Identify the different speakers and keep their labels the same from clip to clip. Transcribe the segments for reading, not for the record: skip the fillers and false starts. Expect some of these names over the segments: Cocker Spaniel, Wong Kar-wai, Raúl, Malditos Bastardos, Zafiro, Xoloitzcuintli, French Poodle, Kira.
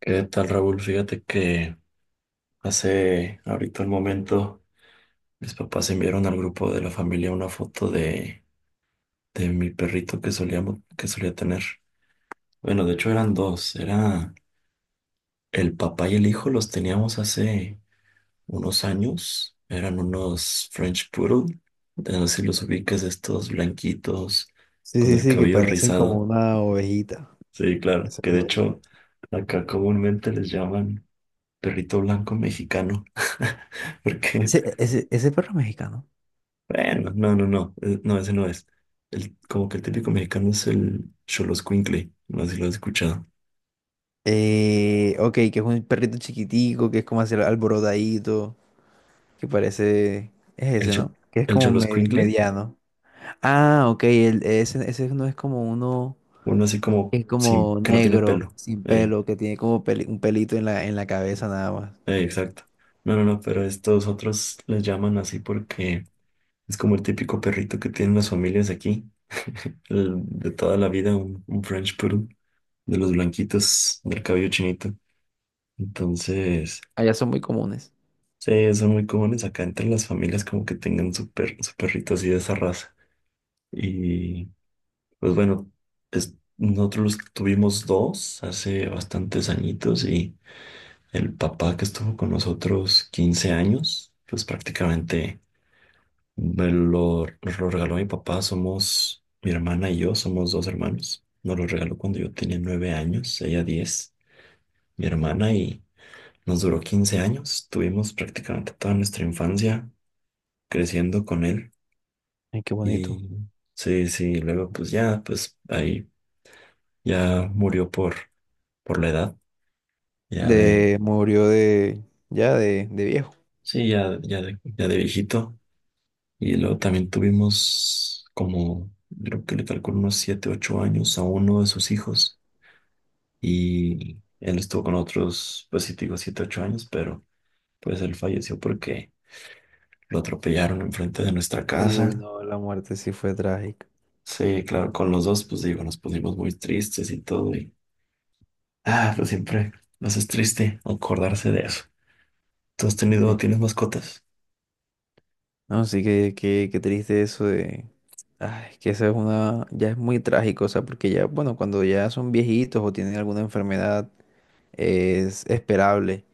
Speaker 1: ¿Qué tal, Raúl? Fíjate que hace ahorita el momento mis papás enviaron al grupo de la familia una foto de mi perrito que solía tener. Bueno, de hecho eran dos, era el papá y el hijo, los teníamos hace unos años, eran unos French Poodle, de no sé si los ubicas, estos blanquitos
Speaker 2: Sí,
Speaker 1: con
Speaker 2: sí,
Speaker 1: el
Speaker 2: sí, que
Speaker 1: cabello
Speaker 2: parecen como
Speaker 1: rizado.
Speaker 2: una ovejita.
Speaker 1: Sí, claro,
Speaker 2: Esa es
Speaker 1: que de
Speaker 2: una ovejita.
Speaker 1: hecho acá comúnmente les llaman perrito blanco mexicano. Porque
Speaker 2: Ese perro mexicano.
Speaker 1: Bueno, no, no, no, no, ese no es. Como que el típico mexicano es el Xoloscuincle, no sé si lo has escuchado.
Speaker 2: Ok, que es un perrito chiquitico, que es como así alborotadito, que parece. Es
Speaker 1: El,
Speaker 2: ese,
Speaker 1: cho-
Speaker 2: ¿no? Que es
Speaker 1: el
Speaker 2: como
Speaker 1: Xoloscuincle,
Speaker 2: mediano. Ah, ok, ese no es como uno
Speaker 1: uno así como
Speaker 2: que es
Speaker 1: sin,
Speaker 2: como
Speaker 1: que no tiene
Speaker 2: negro,
Speaker 1: pelo.
Speaker 2: sin
Speaker 1: Ey,
Speaker 2: pelo, que tiene como un pelito en la cabeza nada más.
Speaker 1: ey, exacto. No, no, no, pero estos otros les llaman así porque es como el típico perrito que tienen las familias aquí, el de toda la vida, un French Poodle, de los blanquitos, del cabello chinito. Entonces,
Speaker 2: Allá son muy comunes.
Speaker 1: sí, son muy comunes acá entre las familias como que tengan su, per- su perrito así de esa raza. Y pues bueno, nosotros tuvimos dos hace bastantes añitos y el papá que estuvo con nosotros 15 años, pues prácticamente nos lo regaló mi papá. Mi hermana y yo somos dos hermanos. Nos lo regaló cuando yo tenía 9 años, ella 10, mi hermana, y nos duró 15 años. Tuvimos prácticamente toda nuestra infancia creciendo con él
Speaker 2: Ay, qué bonito.
Speaker 1: y... Sí, sí, luego pues ya, pues ahí ya murió por la edad, ya de,
Speaker 2: Murió de, ya de viejo.
Speaker 1: sí, ya de viejito. Y luego también tuvimos como, creo que le calculo unos 7 8 años a uno de sus hijos. Y él estuvo con otros, pues sí, te digo 7 8 años, pero pues él falleció porque lo atropellaron enfrente de nuestra
Speaker 2: Uy,
Speaker 1: casa.
Speaker 2: no, la muerte sí fue trágica.
Speaker 1: Sí, claro, con los dos, pues digo, nos pusimos muy tristes y todo. Pues siempre nos es triste acordarse de eso. ¿Tú
Speaker 2: Sí.
Speaker 1: tienes mascotas?
Speaker 2: No, sí que, que triste eso de. Ay, que esa es una. Ya es muy trágico, o sea, porque ya, bueno, cuando ya son viejitos o tienen alguna enfermedad es esperable,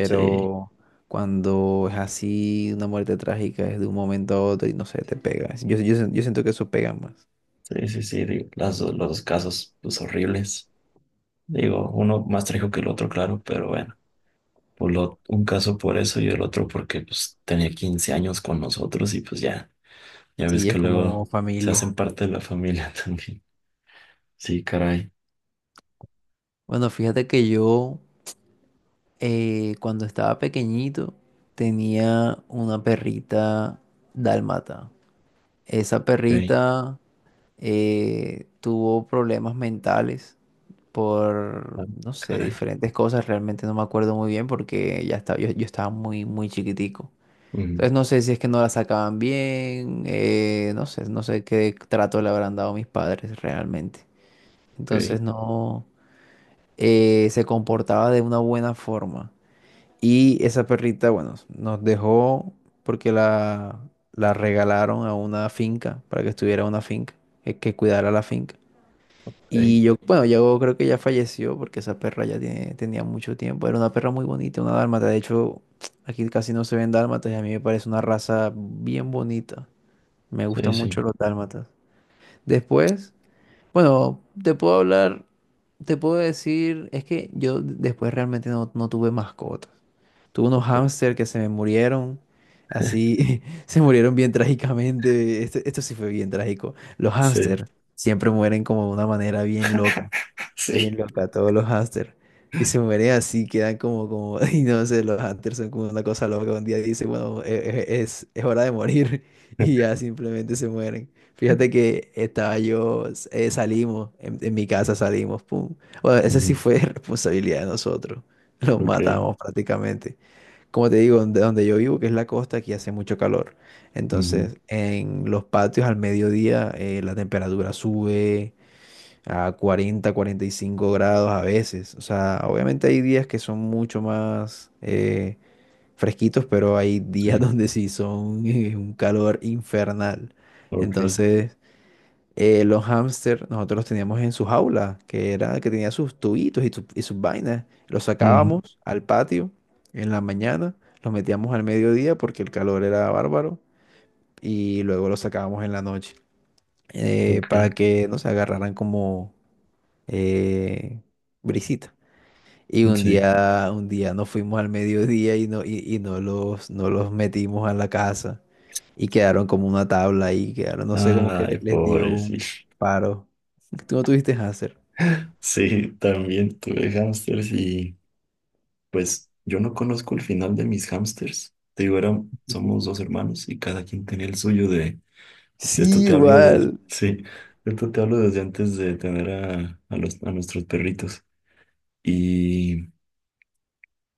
Speaker 1: Sí.
Speaker 2: cuando es así, una muerte trágica es de un momento a otro y no sé, te pega. Yo siento que eso pega más.
Speaker 1: Sí, sí, sí, digo, los dos casos, pues horribles. Digo, uno más trágico que el otro, claro, pero bueno, un caso por eso y el otro porque pues tenía 15 años con nosotros y pues ya ves
Speaker 2: Sí, es
Speaker 1: que
Speaker 2: como
Speaker 1: luego se
Speaker 2: familia.
Speaker 1: hacen parte de la familia también. Sí, caray.
Speaker 2: Bueno, fíjate que yo, cuando estaba pequeñito, tenía una perrita dálmata. Esa
Speaker 1: Ok.
Speaker 2: perrita, tuvo problemas mentales por,
Speaker 1: Ah,
Speaker 2: no sé,
Speaker 1: caray.
Speaker 2: diferentes cosas. Realmente no me acuerdo muy bien porque ya estaba, yo estaba muy, muy chiquitico.
Speaker 1: Mm.
Speaker 2: Entonces no sé si es que no la sacaban bien, no sé, no sé qué trato le habrán dado mis padres realmente. Entonces
Speaker 1: Ok,
Speaker 2: no se comportaba de una buena forma. Y esa perrita, bueno, nos dejó porque la regalaron a una finca, para que estuviera en una finca, que cuidara la finca.
Speaker 1: ok.
Speaker 2: Y yo, bueno, yo creo que ya falleció porque esa perra ya tenía mucho tiempo. Era una perra muy bonita, una dálmata. De hecho, aquí casi no se ven dálmatas y a mí me parece una raza bien bonita. Me
Speaker 1: Sí,
Speaker 2: gustan mucho
Speaker 1: sí.
Speaker 2: los dálmatas. Después, bueno, te puedo hablar, te puedo decir, es que yo después realmente no tuve mascotas. Tuve unos hámster que se me murieron, así, se murieron bien trágicamente. Esto sí fue bien trágico. Los
Speaker 1: Sí,
Speaker 2: hámster siempre mueren como de una manera bien loca. Bien
Speaker 1: sí.
Speaker 2: loca, todos los hámsters. Y se mueren así, quedan y no sé, los hámsters son como una cosa loca. Un día dice, bueno, es hora de morir. Y ya simplemente se mueren. Fíjate que estaba yo, salimos, en mi casa salimos, pum. Bueno, esa sí
Speaker 1: Ujú.
Speaker 2: fue responsabilidad de nosotros. Los
Speaker 1: Ok.
Speaker 2: matamos prácticamente. Como te digo, donde yo vivo, que es la costa, aquí hace mucho calor.
Speaker 1: Ujú.
Speaker 2: Entonces, en los patios al mediodía, la temperatura sube a 40-45 grados a veces. O sea, obviamente hay días que son mucho más fresquitos, pero hay días
Speaker 1: Sí.
Speaker 2: donde sí son, un calor infernal.
Speaker 1: Ok.
Speaker 2: Entonces, los hámster nosotros los teníamos en su jaula, que era que tenía sus tubitos y, y sus vainas. Los
Speaker 1: Ujú.
Speaker 2: sacábamos al patio en la mañana, los metíamos al mediodía porque el calor era bárbaro y luego los sacábamos en la noche,
Speaker 1: Ok.
Speaker 2: para que no se agarraran como, eh, brisita. Y un
Speaker 1: Sí.
Speaker 2: día, un día nos fuimos al mediodía y no los, no los metimos a la casa. Y quedaron como una tabla y quedaron, no sé, como que
Speaker 1: Ay,
Speaker 2: les dio un
Speaker 1: pobrecito.
Speaker 2: paro. ¿Tú no tuviste hacer?
Speaker 1: Sí, también tuve hámsters y pues yo no conozco el final de mis hámsters. Te digo, somos dos hermanos y cada quien tenía el suyo de esto
Speaker 2: Sí,
Speaker 1: te hablo
Speaker 2: igual.
Speaker 1: sí, de esto te hablo desde antes de tener a nuestros perritos. Y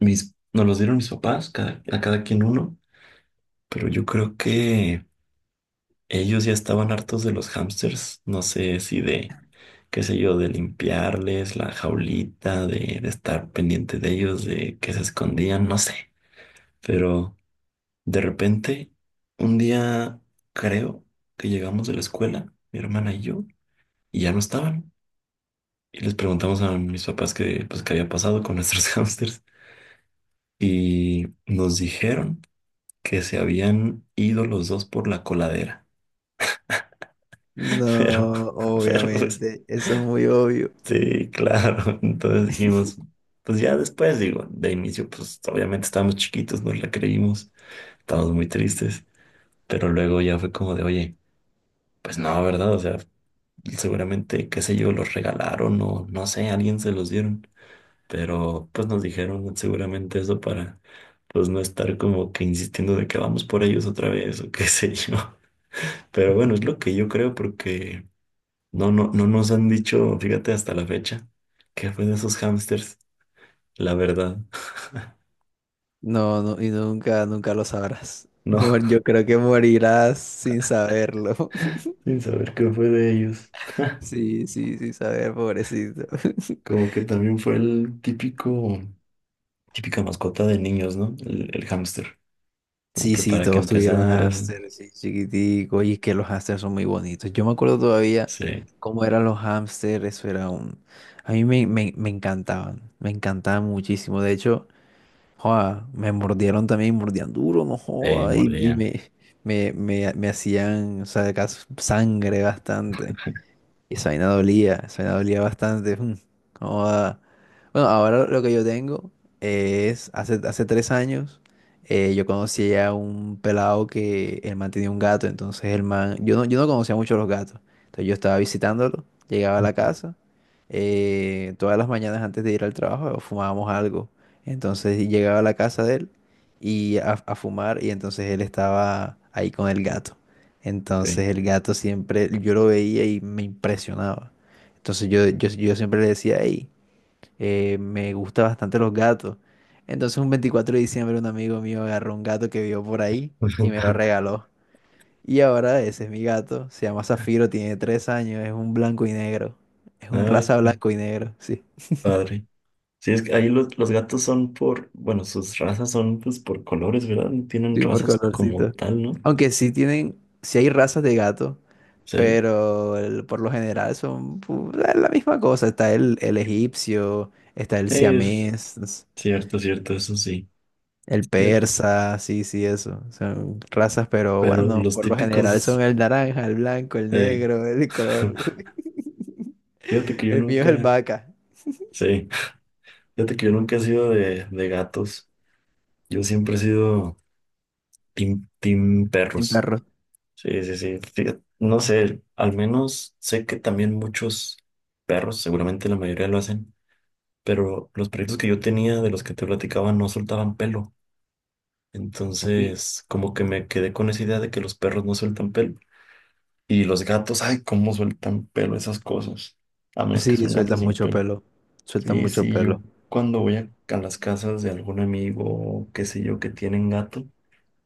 Speaker 1: nos los dieron mis papás, a cada quien uno, pero yo creo que ellos ya estaban hartos de los hámsters, no sé si de, qué sé yo, de limpiarles la jaulita, de estar pendiente de ellos, de que se escondían, no sé. Pero de repente, un día creo que llegamos de la escuela, mi hermana y yo, y ya no estaban. Y les preguntamos a mis papás pues, qué había pasado con nuestros hámsters. Y nos dijeron que se habían ido los dos por la coladera. Pero,
Speaker 2: No,
Speaker 1: pero pues,
Speaker 2: obviamente. Eso es muy obvio.
Speaker 1: sí, claro. Entonces dijimos, pues ya después, digo, de inicio, pues obviamente estábamos chiquitos, nos la creímos, estábamos muy tristes, pero luego ya fue como de, oye, pues no, ¿verdad? O sea, seguramente, qué sé yo, los regalaron o no sé, alguien se los dieron, pero pues nos dijeron seguramente eso para, pues no estar como que insistiendo de que vamos por ellos otra vez o qué sé yo. Pero bueno, es lo que yo creo porque no, no, no nos han dicho, fíjate, hasta la fecha, que fue de esos hámsters, la verdad.
Speaker 2: No, no, y nunca, nunca lo sabrás.
Speaker 1: No.
Speaker 2: Yo creo que morirás sin saberlo.
Speaker 1: Sin saber qué fue de ellos.
Speaker 2: Sí, sí, sin saber, pobrecito.
Speaker 1: Como que también fue el típica mascota de niños, ¿no? El hámster. Como
Speaker 2: Sí,
Speaker 1: que
Speaker 2: sí,
Speaker 1: para que
Speaker 2: todos tuvieron
Speaker 1: empezara,
Speaker 2: hámsters, sí, chiquitico, y es que los hámsters son muy bonitos. Yo me acuerdo todavía
Speaker 1: se
Speaker 2: cómo eran los hámsters, eso era un. A mí me encantaban, me encantaban muchísimo. De hecho, joa, me mordieron también, mordían duro, no joda,
Speaker 1: mordían.
Speaker 2: me hacían, o sea, sangre bastante. Y esa vaina dolía bastante. Cómo va. Bueno, ahora lo que yo tengo es, hace 3 años, yo conocí a un pelado que el man tenía un gato, entonces el man, yo no conocía mucho los gatos, entonces yo estaba visitándolo, llegaba a la
Speaker 1: Mm.
Speaker 2: casa, todas las mañanas antes de ir al trabajo, fumábamos algo, entonces llegaba a la casa de él y a fumar y entonces él estaba ahí con el gato. Entonces
Speaker 1: Ok.
Speaker 2: el gato siempre, yo lo veía y me impresionaba. Entonces yo siempre le decía, hey, me gustan bastante los gatos. Entonces un 24 de diciembre un amigo mío agarró un gato que vio por ahí y me lo regaló. Y ahora ese es mi gato, se llama Zafiro, tiene 3 años, es un blanco y negro. Es un
Speaker 1: Ay,
Speaker 2: raza
Speaker 1: qué
Speaker 2: blanco y negro, sí.
Speaker 1: padre. Sí, es que ahí los gatos son por, bueno, sus razas son pues por colores, ¿verdad? No tienen
Speaker 2: Sí, por
Speaker 1: razas como
Speaker 2: colorcito.
Speaker 1: tal, ¿no?
Speaker 2: Aunque sí tienen, sí hay razas de gato,
Speaker 1: Sí.
Speaker 2: pero por lo general son la misma cosa. Está el egipcio, está el
Speaker 1: Es
Speaker 2: siamés,
Speaker 1: cierto, cierto, eso sí.
Speaker 2: el
Speaker 1: Fíjate,
Speaker 2: persa, sí, sí, eso. Son razas, pero
Speaker 1: pero
Speaker 2: bueno,
Speaker 1: los
Speaker 2: por lo general son
Speaker 1: típicos,
Speaker 2: el naranja, el blanco, el
Speaker 1: eh,
Speaker 2: negro, el color.
Speaker 1: fíjate que yo
Speaker 2: El mío es el
Speaker 1: nunca.
Speaker 2: vaca,
Speaker 1: Sí, fíjate que yo nunca he sido de gatos. Yo siempre he sido team
Speaker 2: sin
Speaker 1: perros.
Speaker 2: perro.
Speaker 1: Sí, sí, sí. Fíjate, no sé, al menos sé que también muchos perros, seguramente la mayoría lo hacen, pero los perritos que yo tenía, de los que te platicaba, no soltaban pelo.
Speaker 2: Uy.
Speaker 1: Entonces, como que me quedé con esa idea de que los perros no sueltan pelo. Y los gatos, ay, cómo sueltan pelo esas cosas. A menos que
Speaker 2: Sí,
Speaker 1: son gatos
Speaker 2: sueltan
Speaker 1: sin
Speaker 2: mucho
Speaker 1: pelo.
Speaker 2: pelo, sueltan
Speaker 1: Sí,
Speaker 2: mucho
Speaker 1: sí, yo
Speaker 2: pelo.
Speaker 1: cuando voy a las casas de algún amigo, o qué sé yo, que tienen gato,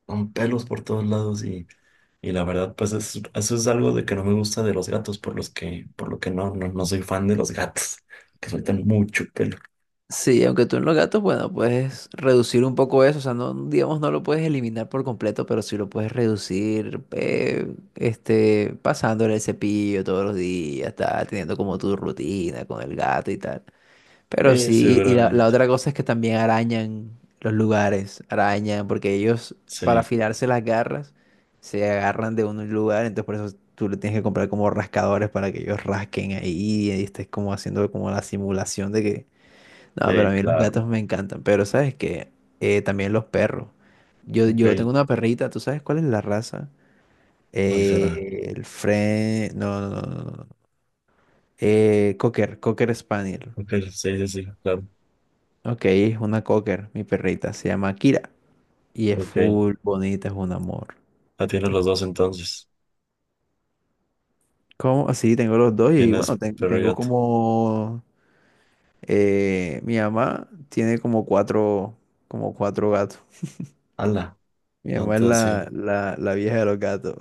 Speaker 1: son pelos por todos lados y la verdad, pues eso es algo de que no me gusta de los gatos, por lo que no, soy fan de los gatos, que sueltan mucho pelo.
Speaker 2: Sí, aunque tú en los gatos, bueno, puedes reducir un poco eso, o sea, no, digamos, no lo puedes eliminar por completo, pero sí lo puedes reducir, pasándole el cepillo todos los días, tal, teniendo como tu rutina con el gato y tal. Pero
Speaker 1: Sí,
Speaker 2: sí, y la
Speaker 1: seguramente.
Speaker 2: otra cosa es que también arañan los lugares, arañan, porque ellos para
Speaker 1: Sí,
Speaker 2: afilarse las garras se agarran de un lugar, entonces por eso tú le tienes que comprar como rascadores para que ellos rasquen ahí y estés como haciendo como la simulación de que no, pero
Speaker 1: sí,
Speaker 2: a mí los
Speaker 1: claro.
Speaker 2: gatos me encantan. Pero sabes que también los perros. Yo,
Speaker 1: Ok,
Speaker 2: yo tengo una perrita, ¿tú sabes cuál es la raza?
Speaker 1: ¿cuál será?
Speaker 2: El Fren. No, no, no, no, no. Cocker Spaniel.
Speaker 1: Ok, sí, sí, sí, claro.
Speaker 2: Ok, es una Cocker, mi perrita. Se llama Kira. Y es
Speaker 1: Ok.
Speaker 2: full bonita, es un amor.
Speaker 1: Tienes los dos entonces.
Speaker 2: ¿Cómo? Así tengo los dos y bueno,
Speaker 1: Tienes perro y
Speaker 2: tengo
Speaker 1: gato.
Speaker 2: como. Mi mamá tiene como cuatro gatos.
Speaker 1: Ala,
Speaker 2: Mi mamá es
Speaker 1: entonces sí.
Speaker 2: la vieja de los gatos.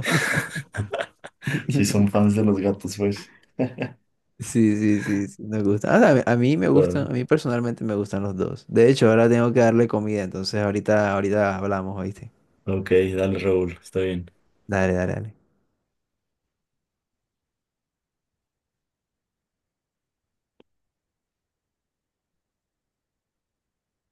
Speaker 1: Sí, son fans de los gatos, pues.
Speaker 2: Sí, sí, sí, sí, me gusta. Ah, a mí me
Speaker 1: Ah.
Speaker 2: gustan, a mí personalmente me gustan los dos. De hecho, ahora tengo que darle comida, entonces ahorita hablamos, ¿oíste?
Speaker 1: Ok, dale, Raúl, está bien.
Speaker 2: Dale, dale, dale.